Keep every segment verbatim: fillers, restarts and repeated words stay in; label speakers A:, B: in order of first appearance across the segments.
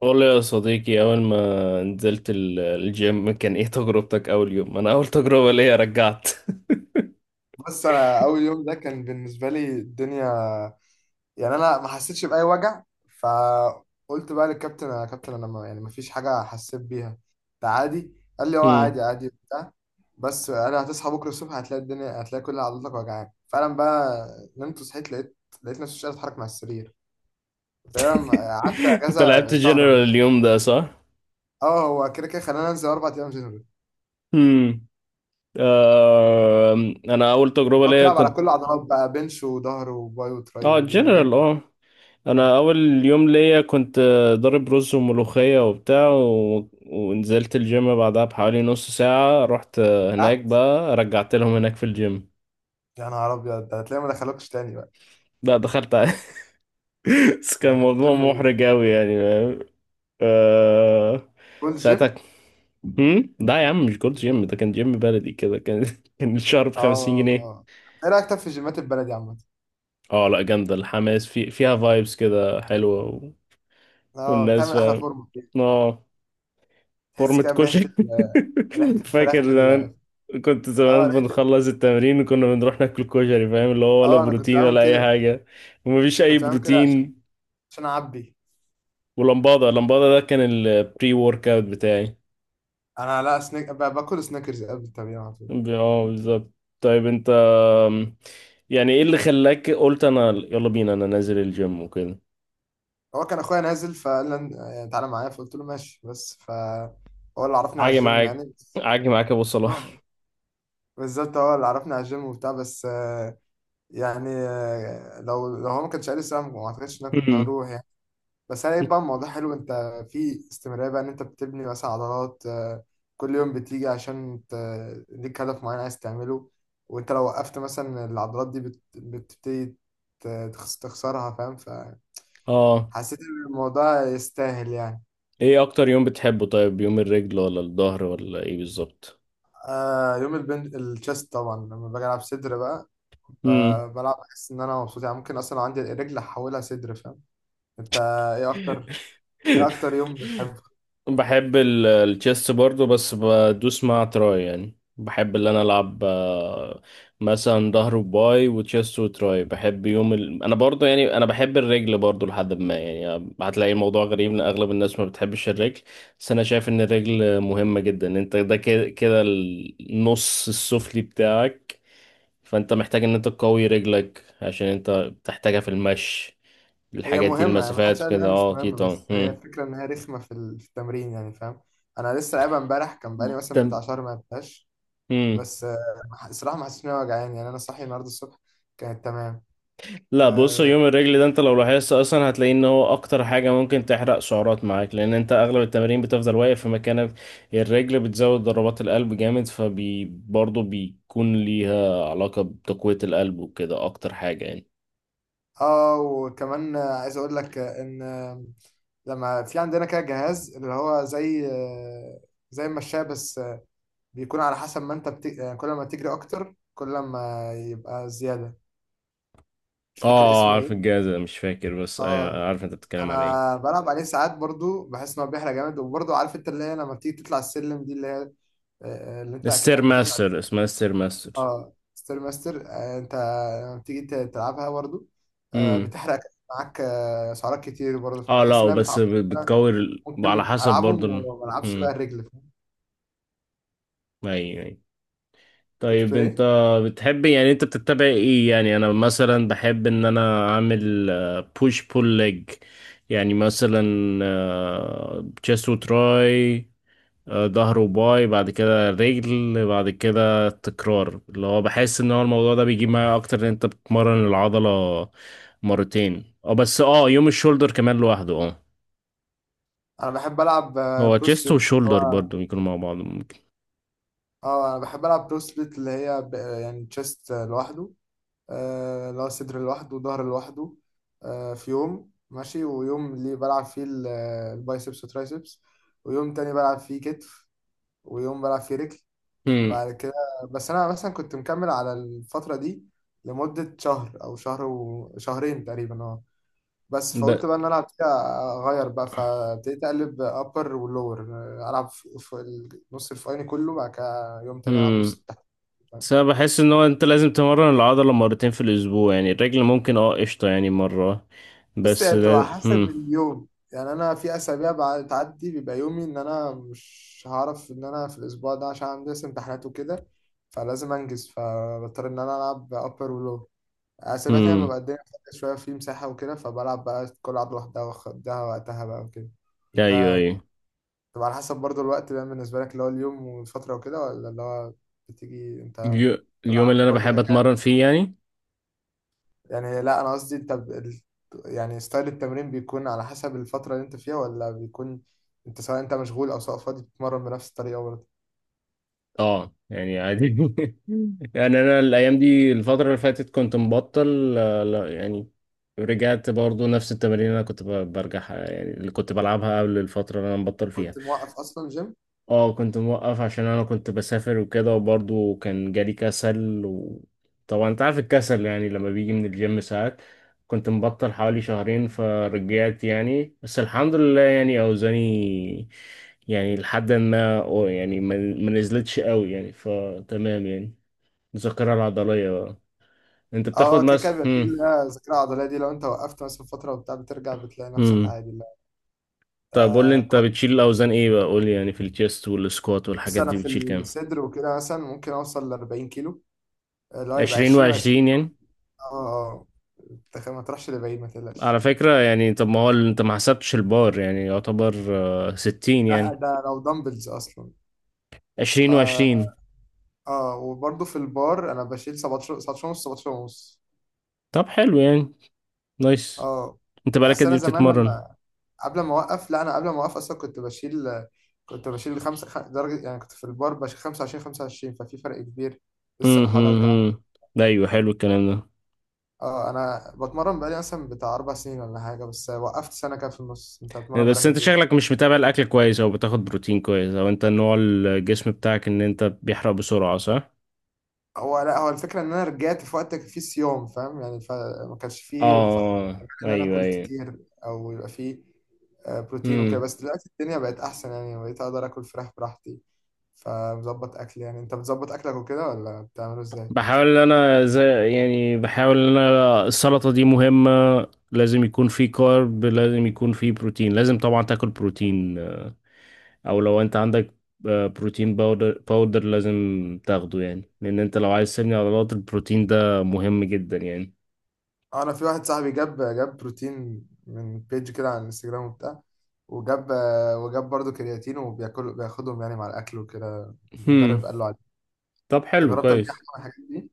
A: والله يا صديقي، أول ما نزلت ال- الجيم كان إيه تجربتك أول يوم؟ أنا أول تجربة ليا رجعت.
B: بص، انا اول يوم ده كان بالنسبه لي الدنيا، يعني انا ما حسيتش باي وجع. فقلت بقى للكابتن: يا كابتن، انا ما يعني ما فيش حاجه حسيت بيها، ده عادي. قال لي: اه عادي،
A: مم.
B: عادي، بتاع. بس انا هتصحى بكره الصبح هتلاقي الدنيا، هتلاقي كل عضلاتك وجعان فعلا بقى. نمت وصحيت لقيت لقيت نفسي مش قادر اتحرك مع السرير. تقريبا قعدت
A: أنت لعبت
B: اجازه شهر ولا
A: جنرال
B: حاجة.
A: اليوم ده، صح؟
B: اه، هو كده كده خلاني انزل اربع ايام جنرال.
A: مم. آه، أنا أول تجربة
B: بقى
A: ليا
B: بتلعب على كل
A: كنت
B: العضلات بقى، بنش وظهر وباي وتراي
A: آه
B: ورجل.
A: جنرال آه.
B: اه.
A: أنا أول يوم ليا كنت آه، ضارب رز وملوخية وبتاع و ونزلت الجيم بعدها بحوالي نص ساعة. رحت آه، هناك
B: أه؟
A: بقى، رجعت لهم هناك في الجيم.
B: يا نهار ابيض، ده هتلاقيه ما دخلوكش تاني بقى.
A: لا، دخلت. بس كان
B: ده كان
A: موضوع
B: جيم ايه؟
A: محرج أوي يعني. آه...
B: فول جيم؟
A: ساعتها. هم؟ لا يا عم، مش جولد جيم، ده كان جيم بلدي كده. كان كان الشهر بخمسين جنيه.
B: اه. ايه رايك طب في جيمات البلدي عامة؟
A: اه لا، جامدة الحماس في... فيها فايبس كده حلوة و.
B: اه،
A: والناس
B: بتعمل احلى
A: فاهم.
B: فورمه كده.
A: اه.
B: تحس
A: فورمة
B: كده بريحه
A: كشك.
B: ال- ريحه الفراخ
A: فاكر زمان.
B: بال
A: كنت
B: اه
A: زمان
B: ريحه ال-
A: بنخلص التمرين وكنا بنروح ناكل كشري، فاهم اللي هو، ولا
B: اه انا كنت
A: بروتين
B: بعمل
A: ولا أي
B: كده،
A: حاجة. ومفيش أي
B: كنت بعمل كده عشان
A: بروتين.
B: عشان اعبي.
A: ولمبادة لمبادة ده كان البري ورك أوت بتاعي.
B: انا لا، سنيك ب- باكل سنيكرز قبل التمرين على طول.
A: اه بالظبط. طيب انت، أم، يعني ايه اللي خلاك قلت انا يلا بينا انا نازل الجيم وكده.
B: هو كان اخويا نازل فقال لي: آه، تعالى معايا، فقلت له ماشي، بس ف هو اللي عرفني على
A: عاجي
B: الجيم
A: معاك،
B: يعني، بس-
A: عاجي معاك يا ابو
B: اه
A: صلاح.
B: بالظبط، هو اللي عرفني على الجيم وبتاع، بس يعني آه، لو لو هو ما كانش قال السلام ما اعتقدش ان انا كنت
A: أمم.
B: هروح يعني. بس انا بقى الموضوع حلو. انت في استمراريه بقى ان انت بتبني مثلا عضلات، آه، كل يوم بتيجي عشان ت- ليك هدف معين عايز تعمله، وانت لو وقفت مثلا العضلات دي بت- بتبتدي ت- تخس- تخسرها، فاهم.
A: اه،
B: فحسيت ان الموضوع يستاهل يعني.
A: ايه اكتر يوم بتحبه؟ طيب، يوم الرجل ولا الظهر ولا ايه بالظبط؟
B: آه يوم البن الشيست طبعا، لما باجي العب صدر بقى
A: أمم.
B: ب- بلعب بحس ان انا مبسوط يعني. ممكن اصلا لو عندي الرجل احولها صدر، فاهم. انت، ايه اكتر ايه اكتر يوم بتحبه؟
A: بحب ال- التشيس برضو، بس بدوس مع تراي، يعني بحب اللي انا العب آه، مثلا ظهر وباي وتشيست وتراي. بحب يوم ال... انا برضو يعني انا بحب الرجل برضو لحد ما، يعني هتلاقي الموضوع غريب ان اغلب الناس ما بتحبش الرجل. بس انا شايف ان الرجل مهمة جدا، انت ده كده كده النص السفلي بتاعك. فانت محتاج ان انت تقوي رجلك عشان انت بتحتاجها في المشي،
B: هي
A: الحاجات دي،
B: مهمه، يعني محدش
A: المسافات
B: قال
A: وكده.
B: انها مش
A: اه اكيد
B: مهمه،
A: طبعا.
B: بس هي
A: مم.
B: الفكره ان هي رخمه في ال- في التمرين يعني، فاهم. انا لسه لعبها امبارح، كان بقالي مثلا بتاع
A: تم-
B: شهر ما لعبتهاش.
A: مم.
B: بس آه، ما ح- الصراحه ما حسيتش ان انا وجعان يعني، انا صاحي النهارده الصبح كانت تمام.
A: لا بص،
B: اه
A: يوم الرجل ده انت لو لاحظت اصلا هتلاقي ان هو اكتر حاجة ممكن تحرق سعرات معاك، لان انت اغلب التمارين بتفضل واقف في مكانك. الرجل بتزود ضربات القلب جامد، فبي برضه بيكون ليها علاقة بتقوية القلب وكده، اكتر حاجة يعني.
B: آه، وكمان آه، عايز اقول لك آه، ان آه، لما في عندنا كده جهاز اللي هو زي آه، زي المشاية، بس آه، بيكون على حسب ما انت بت... آه، كل ما تجري اكتر كل ما يبقى زياده. مش فاكر
A: اه
B: اسمه ايه.
A: عارف الجهاز ده، مش فاكر بس
B: اه
A: ايوه عارف انت بتتكلم على ايه.
B: انا بلعب عليه ساعات برضو، بحس ان هو بيحرق جامد، وبرضو عارف انت اللي هي لما بتيجي تطلع السلم دي اللي هي آه، اللي انت
A: ستير
B: اكنك بتطلع.
A: ماستر، اسمها ستير ماستر.
B: اه ستير ماستر، آه، انت لما بتيجي ت- تلعبها برضو، آه،
A: امم.
B: بتحرق معاك آه، سعرات كتير برضو،
A: اه
B: فبحس
A: لا،
B: انها
A: بس
B: بتعوض. انا
A: بتكور ال- على
B: ممكن
A: حسب برضه
B: العبهم
A: ال-
B: وما العبش بقى
A: امم.
B: الرجل.
A: ايوه أيوة.
B: كنت
A: طيب
B: بتقول
A: انت
B: ايه؟
A: بتحب، يعني انت بتتبع ايه؟ يعني انا مثلا بحب ان انا اعمل بوش بول ليج. يعني مثلا تشيست وتراي، آه، ظهر وباي، بعد كده رجل، بعد كده تكرار، اللي هو بحس ان هو الموضوع ده بيجيب معايا اكتر، ان انت بتمرن العضلة مرتين. اه بس اه، يوم الشولدر كمان لوحده. اه.
B: انا بحب العب آه،
A: هو
B: برو
A: تشيست
B: سبليت اللي
A: وشولدر
B: هو،
A: برضو بيكونوا مع بعض ممكن.
B: اه انا بحب العب برو سبليت اللي هي ب- يعني تشيست لوحده، آه، اللي هو صدر لوحده وظهر لوحده، آه، في يوم ماشي ويوم اللي بلعب فيه ال- البايسبس والترايسبس، ويوم تاني بلعب فيه كتف، ويوم بلعب فيه رجل
A: امم.
B: بعد كده. بس أنا مثلا كنت مكمل على الفترة دي لمدة شهر أو شهر وشهرين تقريبا، اه. بس
A: ب...
B: فقلت بقى إن أنا فيها أغير بقى، فابتديت أقلب أبر ولور، ألعب في في ال- نص الفوقاني كله، بعد كده يوم تاني ألعب
A: مم.
B: نص التحت.
A: بس انا بحس ان هو انت لازم تمرن العضلة مرتين في الاسبوع، يعني الرجل ممكن اه قشطة يعني مرة
B: بص،
A: بس.
B: هي بتبقى
A: ده
B: حسب
A: هم.
B: اليوم، يعني انا في اسابيع بعد- بتعدي بيبقى يومي ان انا مش هعرف ان انا في الاسبوع ده عشان عندي لسه امتحانات وكده، فلازم انجز، فبضطر ان انا العب ابر ولو. اسابيع تانية
A: هم.
B: ببقى الدنيا فاضية شويه في مساحه وكده، فبلعب بقى كل لعبه لوحدها واخدها وقتها بقى وكده.
A: ايوه
B: انت
A: ايوه.
B: بتبقى على حسب برضو الوقت بقى بالنسبه لك اللي هو اليوم والفتره وكده، ولا اللي هو بتيجي انت
A: اليو- اليوم اللي انا
B: برضو
A: بحب
B: كده كده
A: اتمرن فيه يعني.
B: يعني؟ لا انا قصدي انت ب... ال- يعني ستايل التمرين بيكون على حسب الفترة اللي انت فيها، ولا بيكون انت سواء انت مشغول او سواء فاضي بتتمرن بنفس الطريقة برضه؟
A: اه يعني عادي. يعني انا الايام دي الفترة اللي فاتت كنت مبطل آه، لا يعني، رجعت برضو نفس التمارين اللي انا كنت ب- برجعها، يعني اللي كنت بلعبها قبل الفترة اللي انا مبطل فيها.
B: كنت موقف اصلا جيم.
A: اه كنت موقف عشان انا كنت بسافر وكده، وبرضه كان جالي كسل، وطبعا انت عارف الكسل يعني لما بيجي من الجيم ساعات. كنت مبطل حوالي شهرين، فرجعت يعني، بس الحمد لله يعني اوزاني، يعني لحد ما، أو يعني ما ما نزلتش قوي يعني، فتمام يعني. الذاكرة العضلية بقى. انت بتاخد
B: اه كده كده
A: مس
B: بيبقى فيه
A: هم.
B: اللي هي الذاكرة العضلية دي، لو انت وقفت مثلا فترة وبتاع بترجع بتلاقي نفسك
A: هم.
B: عادي، لا.
A: طب قول لي،
B: آه
A: انت
B: كويس.
A: بتشيل الاوزان ايه بقى؟ قول لي يعني، في الشيست والسكوات
B: بس
A: والحاجات
B: انا
A: دي
B: في
A: بتشيل كام؟
B: الصدر وكده مثلا ممكن اوصل ل 40 كيلو، اللي هو يبقى
A: عشرين
B: عشرين
A: و20
B: و20.
A: يعني.
B: اه اه. أنت ما تروحش لبعيد، ما تقلقش.
A: على فكرة يعني، طب ما هو ال- انت ما حسبتش البار، يعني يعتبر آه، ستين
B: لا
A: يعني.
B: ده لو دمبلز اصلا،
A: عشرين
B: آه،
A: وعشرين
B: اه وبرضه في البار انا بشيل سبعتاشر، سبعتاشر ونص، سبعتاشر ونص.
A: طب حلو يعني. نايس.
B: اه.
A: انت بقالك
B: اصل
A: قد
B: انا
A: ايه
B: زمان
A: بتتمرن؟
B: لما قبل ما اوقف، لا انا قبل ما اوقف اصلا كنت بشيل، كنت بشيل خمسة خ- درجة يعني، كنت في البار بشيل خمسة وعشرين، خمسة وعشرين. ففي فرق كبير،
A: مم،
B: لسه
A: مم،
B: بحاول ارجع.
A: مم. ده ايوه حلو الكلام ده.
B: اه انا بتمرن بقالي مثلا بتاع اربع سنين ولا حاجة، بس وقفت سنة كده في النص. انت بتتمرن بقالك
A: بس انت
B: قد ايه؟
A: شكلك مش متابع الاكل كويس، او بتاخد بروتين كويس، او انت نوع الجسم بتاعك ان انت بيحرق بسرعة، صح؟
B: هو لا، هو الفكره ان انا رجعت في وقت كان فيه صيام، فاهم يعني، فما كانش فيه ف...
A: اه
B: ان انا اكل
A: ايوه
B: كتير او يبقى فيه آه، بروتين وكده.
A: ايوه.
B: بس دلوقتي الدنيا بقت احسن يعني، بقيت اقدر اكل فراخ براحتي. فمظبط اكل يعني، انت بتظبط اكلك وكده ولا بتعمله ازاي؟
A: بحاول ان انا زي، يعني بحاول ان انا السلطة دي مهمة، لازم يكون في كارب، لازم يكون في بروتين، لازم طبعا تاكل بروتين. او لو انت عندك آه، بروتين باودر باودر لازم تاخده، يعني لان انت لو عايز تبني عضلات، البروتين ده مهم جدا يعني.
B: آه، انا في واحد صاحبي جاب جاب بروتين من بيج كده على الانستجرام وبتاع، وجاب آه، وجاب برضه كرياتين، وبياكل بياخدهم يعني مع الاكل وكده،
A: هم.
B: المدرب قال له عليه.
A: طب
B: انت
A: حلو
B: جربت قبل كده
A: كويس.
B: حاجة من الحاجات دي؟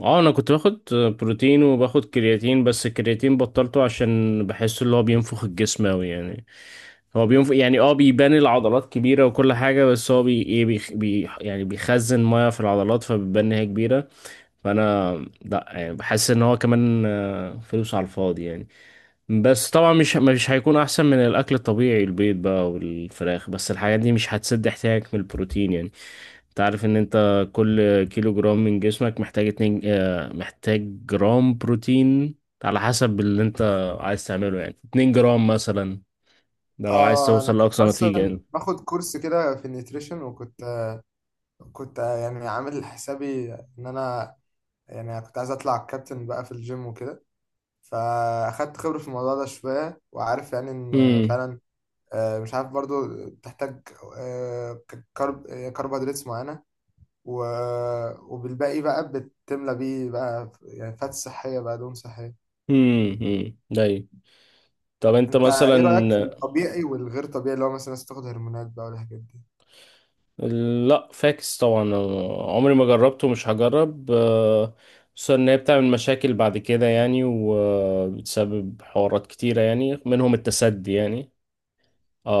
A: اه، انا كنت باخد بروتين وباخد كرياتين، بس الكرياتين بطلته عشان بحس اللي هو بينفخ الجسم اوي يعني. هو بينفخ يعني، اه بيبان العضلات كبيرة وكل حاجة. بس هو بي ايه بيخ- بي يعني بيخزن مية في العضلات فبتبان ان هي كبيرة. فانا، لا يعني بحس ان هو كمان آه، فلوس على الفاضي يعني. بس طبعا مش مش هيكون احسن من الاكل الطبيعي، البيض بقى والفراخ، بس الحاجات دي مش هتسد احتياجك من البروتين يعني. تعرف ان انت كل كيلو جرام من جسمك محتاج اتنين آه، محتاج جرام بروتين، على حسب اللي انت عايز تعمله يعني، اتنين جرام مثلا. ده لو عايز
B: اه انا
A: توصل
B: كنت
A: لأقصى نتيجة
B: اصلا
A: يعني.
B: باخد كورس كده في النيوتريشن، وكنت كنت يعني عامل حسابي ان انا، يعني كنت عايز اطلع كابتن بقى في الجيم وكده، فاخدت خبرة في الموضوع ده شوية وعارف يعني ان
A: هم.
B: فعلا، آه، مش عارف برضو تحتاج آه، ك- كرب آه، كربوهيدرات معينة، و- وبالباقي بقى بتملى بيه بقى يعني، فات صحية بقى، دهون صحية.
A: هم. هم داي. طب انت
B: انت
A: مثلا.
B: ايه رأيك في الطبيعي والغير طبيعي اللي هو مثلا الناس بتاخد هرمونات بقى والحاجات دي؟
A: لا فاكس طبعا. عمري ما جربته ومش هجرب آه، خصوصا ان هي بتعمل مشاكل بعد كده يعني، وبتسبب حوارات كتيرة يعني، منهم التسدي يعني.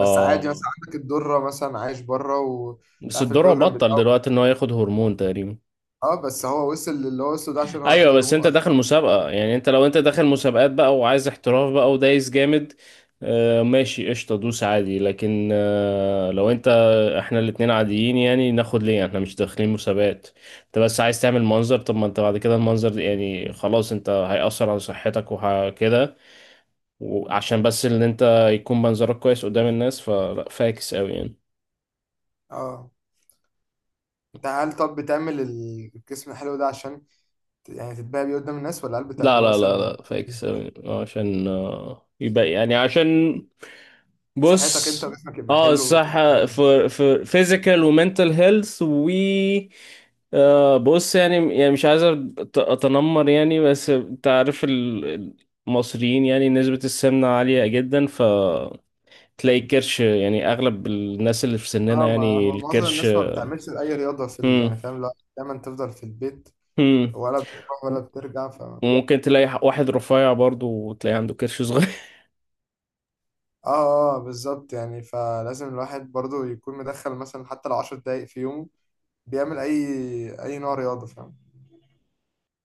B: بس عادي مثلا عندك الدرة، مثلا عايش بره ومش
A: بس
B: عارف
A: الدرع
B: البروجرام
A: بطل
B: بتاعه.
A: دلوقتي ان هو ياخد هرمون تقريبا.
B: اه بس هو وصل للي هو وصله ده عشان هو
A: ايوه،
B: اخد
A: بس
B: هرمون
A: انت داخل
B: واخد.
A: مسابقة يعني، انت لو انت داخل مسابقات بقى وعايز احتراف بقى، ودايس جامد. آه ماشي قشطة، دوس عادي. لكن آه لو انت احنا الاتنين عاديين، يعني ناخد ليه؟ احنا مش داخلين مسابقات. انت بس عايز تعمل منظر. طب ما انت بعد كده المنظر ده يعني خلاص، انت هيأثر على صحتك وكده، وعشان بس ان انت يكون منظرك كويس قدام الناس. فلا فاكس قوي يعني.
B: اه. انت هل طب بتعمل ال- الجسم الحلو ده عشان ت- يعني تتباهى بيه قدام الناس، ولا هل
A: لا
B: بتعمله
A: لا لا
B: مثلا دي
A: لا فاكس أوي. عشان آه، يبقى يعني عشان
B: صحتك انت
A: بص،
B: وجسمك يبقى
A: اه
B: حلو وتبقى؟
A: الصحة في في physical ومنتل هيلث و آه، بص يعني يعني مش عايز أت- اتنمر يعني. بس انت عارف ال- المصريين يعني، نسبة السمنة عالية جدا، ف تلاقي الكرش يعني اغلب الناس اللي في سننا
B: اه. ما
A: يعني
B: هو معظم
A: الكرش.
B: الناس ما بتعملش اي رياضة في ال...
A: مم.
B: يعني، فاهم. لا دايما تفضل في البيت،
A: مم.
B: ولا بتروح ولا بترجع، ف اه
A: وممكن تلاقي واحد رفيع برضه وتلاقي عنده كرش صغير
B: اه بالظبط يعني، فلازم الواحد برضو يكون مدخل مثلا حتى لو 10 دقايق في يومه، بيعمل اي اي نوع رياضه، فاهم.